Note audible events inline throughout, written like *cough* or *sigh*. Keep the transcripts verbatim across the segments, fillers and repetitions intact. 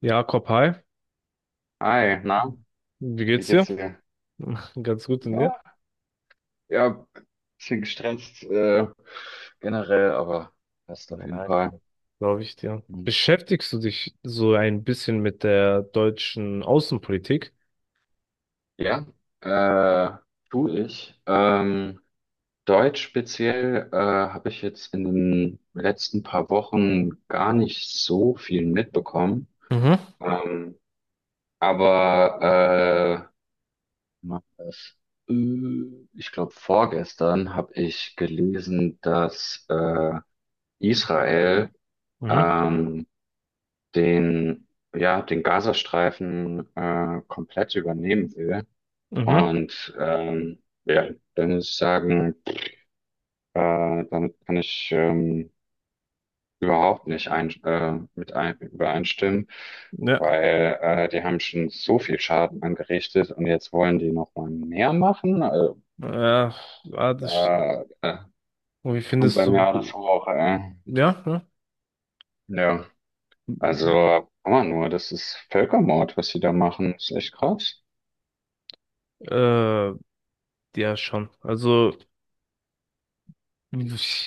Jakob, hi. Hi, na, Wie wie geht's geht's dir? dir? *laughs* Ganz gut und dir? Ja, ja, bisschen gestresst äh, generell, aber passt auf jeden Ja, Fall. glaube ich dir. Hm. Beschäftigst du dich so ein bisschen mit der deutschen Außenpolitik? Ja, äh, tu ich. Ähm, Deutsch speziell äh, habe ich jetzt in den letzten paar Wochen gar nicht so viel mitbekommen. Mhm, Ähm, aber äh, mach das. Äh, ich glaube, vorgestern habe ich gelesen, dass äh, Israel mhm, ähm, den, ja, den Gazastreifen äh, komplett übernehmen will. mhm. Und ähm, ja, dann muss ich sagen, äh, damit kann ich ähm, überhaupt nicht ein, äh, mit ein, übereinstimmen, Ja. weil äh, die haben schon so viel Schaden angerichtet und jetzt wollen die noch mal mehr machen. Also, Ja, ja, das, da äh, und wie kommt findest bei mir alles du? hoch. Äh, Ja, ja. ja, also, aber nur, das ist Völkermord, was sie da machen. Das ist echt krass. Äh, ja, schon. Also,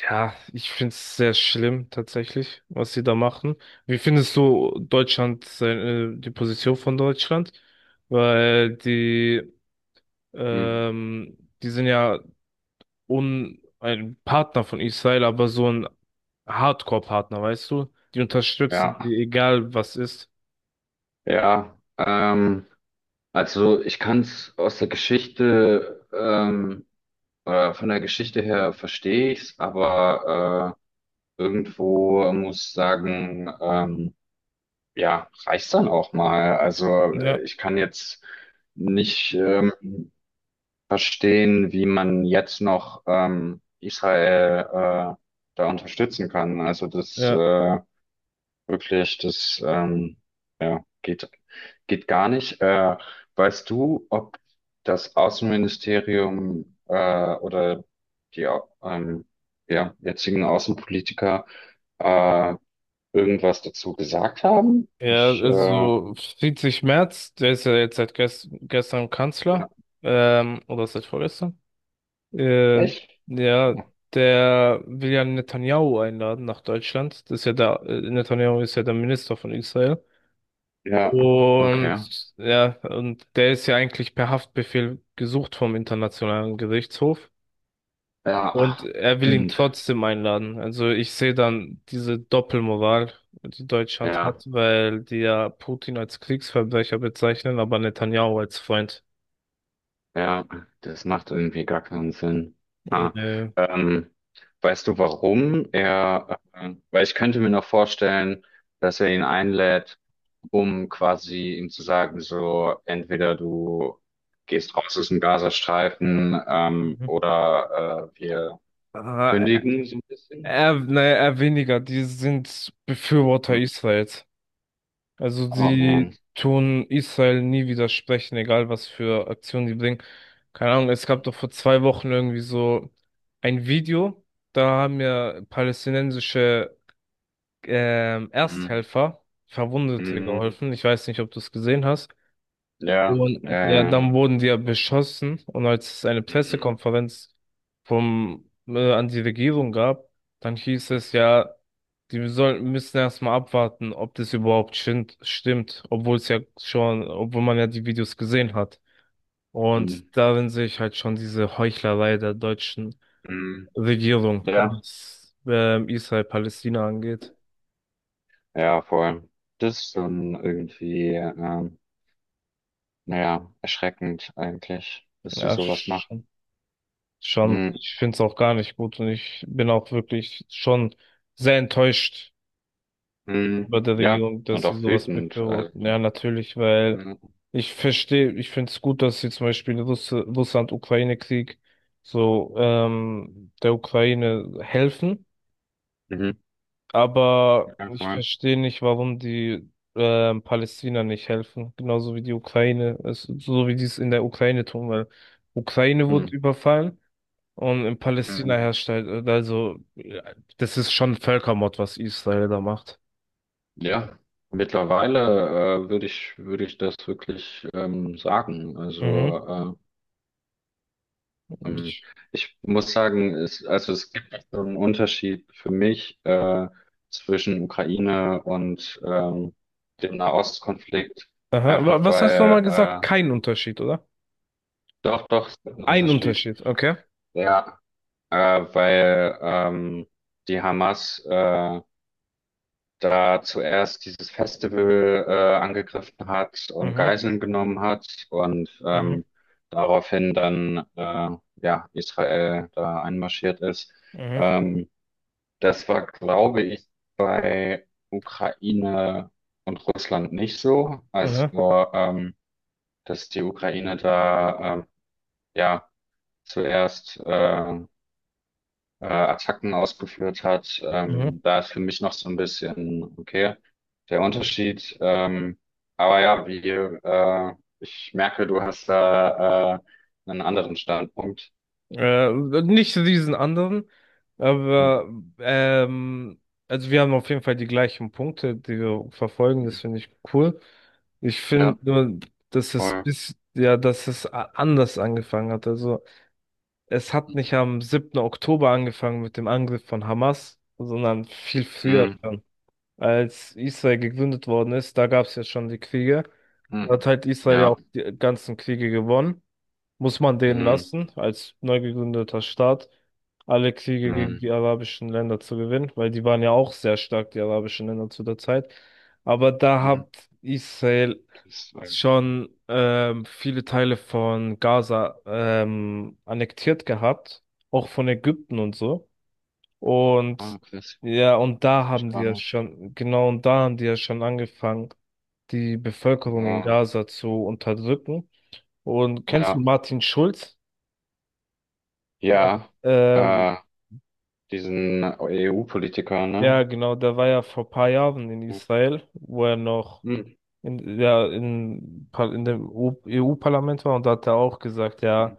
Ja, ich finde es sehr schlimm tatsächlich, was sie da machen. Wie findest du Deutschland, seine, die Position von Deutschland? Weil die Hm. Ähm, die sind ja un ein Partner von Israel, aber so ein Hardcore-Partner, weißt du? Die unterstützen Ja. die, egal was ist. Ja, ähm, also ich kann es aus der Geschichte, ähm, äh, von der Geschichte her verstehe ich's, aber äh, irgendwo muss ich sagen, ähm, ja, reicht's dann auch mal. Also Ja, äh, ich kann jetzt nicht ähm, verstehen, wie man jetzt noch ähm, Israel äh, da unterstützen kann. Also das ja. äh, wirklich, das ähm, ja, geht, geht gar nicht. Äh, weißt du, ob das Außenministerium äh, oder die ähm, ja, jetzigen Außenpolitiker äh, irgendwas dazu gesagt haben? Ja, Ich, äh, also Friedrich Merz, der ist ja jetzt seit gest gestern ja, Kanzler, ähm, oder seit vorgestern. Äh, echt? ja, der will ja Netanyahu einladen nach Deutschland. Das ist ja der, äh, Netanyahu ist ja der Minister von Israel. Ja, okay. Und ja, und der ist ja eigentlich per Haftbefehl gesucht vom Internationalen Gerichtshof. Ja, Und ach, er will ihn stimmt. trotzdem einladen. Also ich sehe dann diese Doppelmoral, die Deutschland Ja. hat, weil die ja Putin als Kriegsverbrecher bezeichnen, aber Netanyahu als Freund. Ja, das macht irgendwie gar keinen Sinn. Ha. Äh, Ähm, weißt du, warum er, äh, weil ich könnte mir noch vorstellen, dass er ihn einlädt, um quasi ihm zu sagen, so, entweder du gehst raus aus dem Gazastreifen, ähm, Mhm. oder äh, wir äh, kündigen so ein bisschen. Er, naja, er weniger, die sind Befürworter Hm. Israels. Also Oh man. sie tun Israel nie widersprechen, egal was für Aktionen die bringen. Keine Ahnung, es gab doch vor zwei Wochen irgendwie so ein Video, da haben ja palästinensische ähm, Hm, Ersthelfer Verwundete hm, geholfen. Ich weiß nicht, ob du es gesehen hast. ja, Und ja, äh, dann wurden die ja beschossen. Und als es eine hm, Pressekonferenz vom, äh, an die Regierung gab, dann hieß hm, es ja, die sollen, müssen erstmal abwarten, ob das überhaupt stimmt, stimmt, obwohl es ja schon, obwohl man ja die Videos gesehen hat. hm, Und darin sehe ich halt schon diese Heuchlerei der deutschen hm, Regierung, ja. was ähm, Israel-Palästina angeht. Ja, voll. Das ist dann irgendwie, ähm, naja, erschreckend eigentlich, dass sie Ja, sowas machen. schon, schon. Mhm. Ich finde es auch gar nicht gut und ich bin auch wirklich schon sehr enttäuscht Mhm. bei der Ja, Regierung, dass und sie auch sowas wütend. Also, befürworten. Ja, natürlich, weil mhm. ich verstehe, ich finde es gut, dass sie zum Beispiel Russ Russland-Ukraine-Krieg so ähm, der Ukraine helfen, Mhm. aber Ja, ich voll. verstehe nicht, warum die ähm, Palästina nicht helfen, genauso wie die Ukraine, es, so wie die es in der Ukraine tun, weil Ukraine wurde Mhm. überfallen. Und in Palästina Mhm. herrscht halt, also, ja, das ist schon Völkermord, was Israel da macht. Ja, mittlerweile, äh, würde ich, würde ich das wirklich, ähm, sagen. Mhm. Also, äh, Ähm, ich muss sagen, es, also es gibt so einen Unterschied für mich äh, zwischen Ukraine und ähm, dem Nahostkonflikt, Aha. Wa- einfach Was hast du weil, nochmal gesagt? äh, Kein Unterschied, oder? doch, doch, es gibt einen Ein Unterschied. Unterschied, okay. Ja, äh, weil ähm, die Hamas äh, da zuerst dieses Festival äh, angegriffen hat und Mhm, Geiseln genommen hat und mhm, ähm, daraufhin dann äh, ja, Israel da einmarschiert ist. mhm, Ähm, Das war, glaube ich, bei Ukraine und Russland nicht so. Es mhm, war, ähm, dass die Ukraine da ähm, ja zuerst äh, äh, Attacken ausgeführt hat. mhm. Ähm, da ist für mich noch so ein bisschen, okay, der Unterschied. Ähm, aber ja, wie, äh, ich merke, du hast da äh, einen anderen Standpunkt. Äh, Nicht diesen anderen, Hm, aber ähm, also wir haben auf jeden Fall die gleichen Punkte, die wir verfolgen. hm, Das finde ich cool. Ich finde ja, nur, dass es voll. bis, ja, dass es a- anders angefangen hat. Also es hat nicht am siebten Oktober angefangen mit dem Angriff von Hamas, sondern viel früher Hm, schon. Als Israel gegründet worden ist, da gab es ja schon die Kriege. hm, Da hat halt Israel ja ja. auch die ganzen Kriege gewonnen. Muss man denen Hm, lassen, als neu gegründeter Staat, alle Kriege gegen hm, die arabischen Länder zu gewinnen, weil die waren ja auch sehr stark, die arabischen Länder zu der Zeit. Aber da hm. hat Israel Das war, schon ähm, viele Teile von Gaza ähm, annektiert gehabt, auch von Ägypten und so. ah, Und krass, ja, und da wusste ich haben die gar ja nicht. schon, genau, und da haben die ja schon angefangen, die Bevölkerung in Ja, Gaza zu unterdrücken. Und kennst du ja, Martin Schulz? Ja. ja, Ähm, äh, diesen E U-Politiker, ne? ja, genau, der war ja vor paar Jahren in Israel, wo er noch Hm, in, ja, in, Par- in dem E U-Parlament war und da hat er auch gesagt, hm, ja,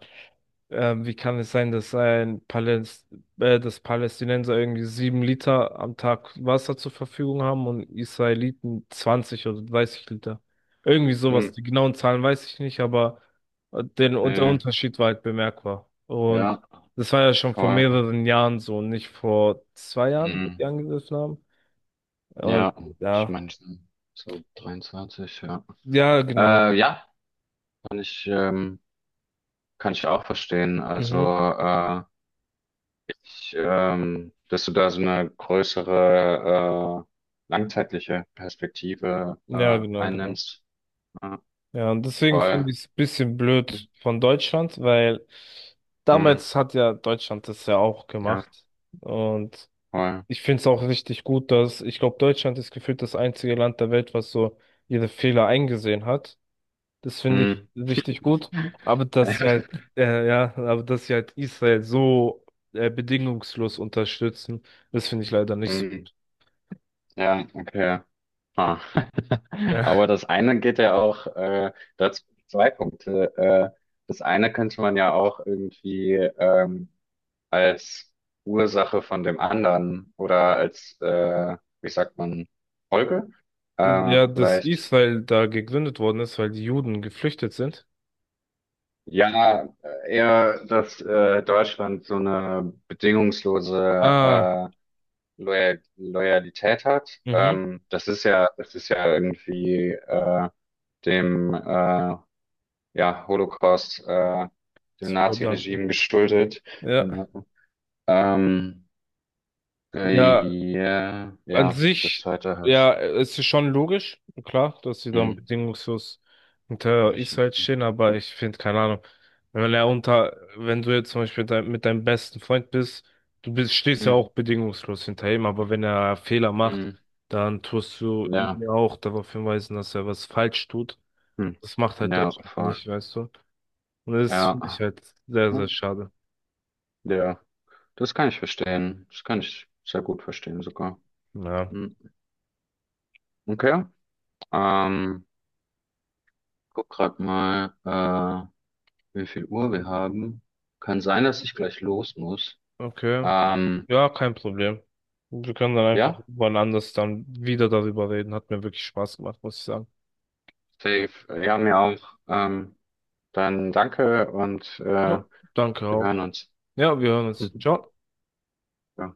Ähm, wie kann es sein, dass ein Paläst äh, dass Palästinenser irgendwie sieben Liter am Tag Wasser zur Verfügung haben und Israeliten zwanzig oder dreißig Liter? Irgendwie sowas. hm, Die genauen Zahlen weiß ich nicht, aber äh, den, der äh, Unterschied war halt bemerkbar. Und ja, das war ja schon vor voll. mehreren Jahren so, nicht vor zwei Jahren, wo die Hm, angegriffen haben. Und ja, ich ja, meine, so dreiundzwanzig, ja. ja, genau. Äh, ja, kann ich, ähm, kann ich auch verstehen. Also, Mhm. äh, ich, ähm, dass du da so eine größere, äh, langzeitliche Perspektive, Ja, äh, genau, genau. einnimmst. äh, Ja, und deswegen finde Voll. ich es ein bisschen blöd von Deutschland, weil Mhm. damals hat ja Deutschland das ja auch Ja, gemacht. Und voll. ich finde es auch richtig gut, dass ich glaube, Deutschland ist gefühlt das einzige Land der Welt, was so ihre Fehler eingesehen hat. Das finde ich Mhm. richtig gut. Aber dass sie halt, äh, ja, aber dass sie halt Israel so äh, bedingungslos unterstützen, das finde ich leider nicht so. Mhm. *laughs* Ja, okay. Ah. *laughs* Aber Ja. das eine geht ja auch, äh, dazu zwei Punkte. Äh, das eine könnte man ja auch irgendwie ähm, als Ursache von dem anderen oder als, äh, wie sagt man, Folge? Äh, Ja, dass vielleicht. Israel da gegründet worden ist, weil die Juden geflüchtet sind. Ja, eher, dass äh, Deutschland so eine bedingungslose Ah. äh, Loyal Loyalität hat. Mhm. Ähm, das ist ja, das ist ja irgendwie äh, dem äh, ja, Holocaust, äh, dem Verdanken. Nazi-Regime geschuldet. Genau. Ja. Ähm, Ja, äh, ja, an ja, das sich, zweite habe ja, ich. es ist schon logisch, klar, dass sie dann Hm, bedingungslos hinter mich, Israel stehen, aber ich finde, keine Ahnung, wenn er unter, wenn du jetzt zum Beispiel dein, mit deinem besten Freund bist, du bist, stehst ja hm, auch bedingungslos hinter ihm, aber wenn er Fehler macht, hm, dann tust du ihn ja, ja auch darauf hinweisen, dass er was falsch tut. hm, Das macht halt ja, Deutschland voll. nicht, weißt du? Und das Ja, finde ich halt sehr, sehr hm, schade. ja, das kann ich verstehen. Das kann ich sehr gut verstehen sogar. Ja, Hm, okay. Ähm, guck grad mal, äh, wie viel Uhr wir haben. Kann sein, dass ich gleich los muss. okay. Ähm, Ja, kein Problem. Wir können dann einfach ja, wann anders dann wieder darüber reden. Hat mir wirklich Spaß gemacht, muss ich sagen. safe. Ja, mir auch. Ähm, dann danke und äh, wir Ja. Danke hören auch. uns. Ja, wir hören uns. *laughs* Ciao. Mhm.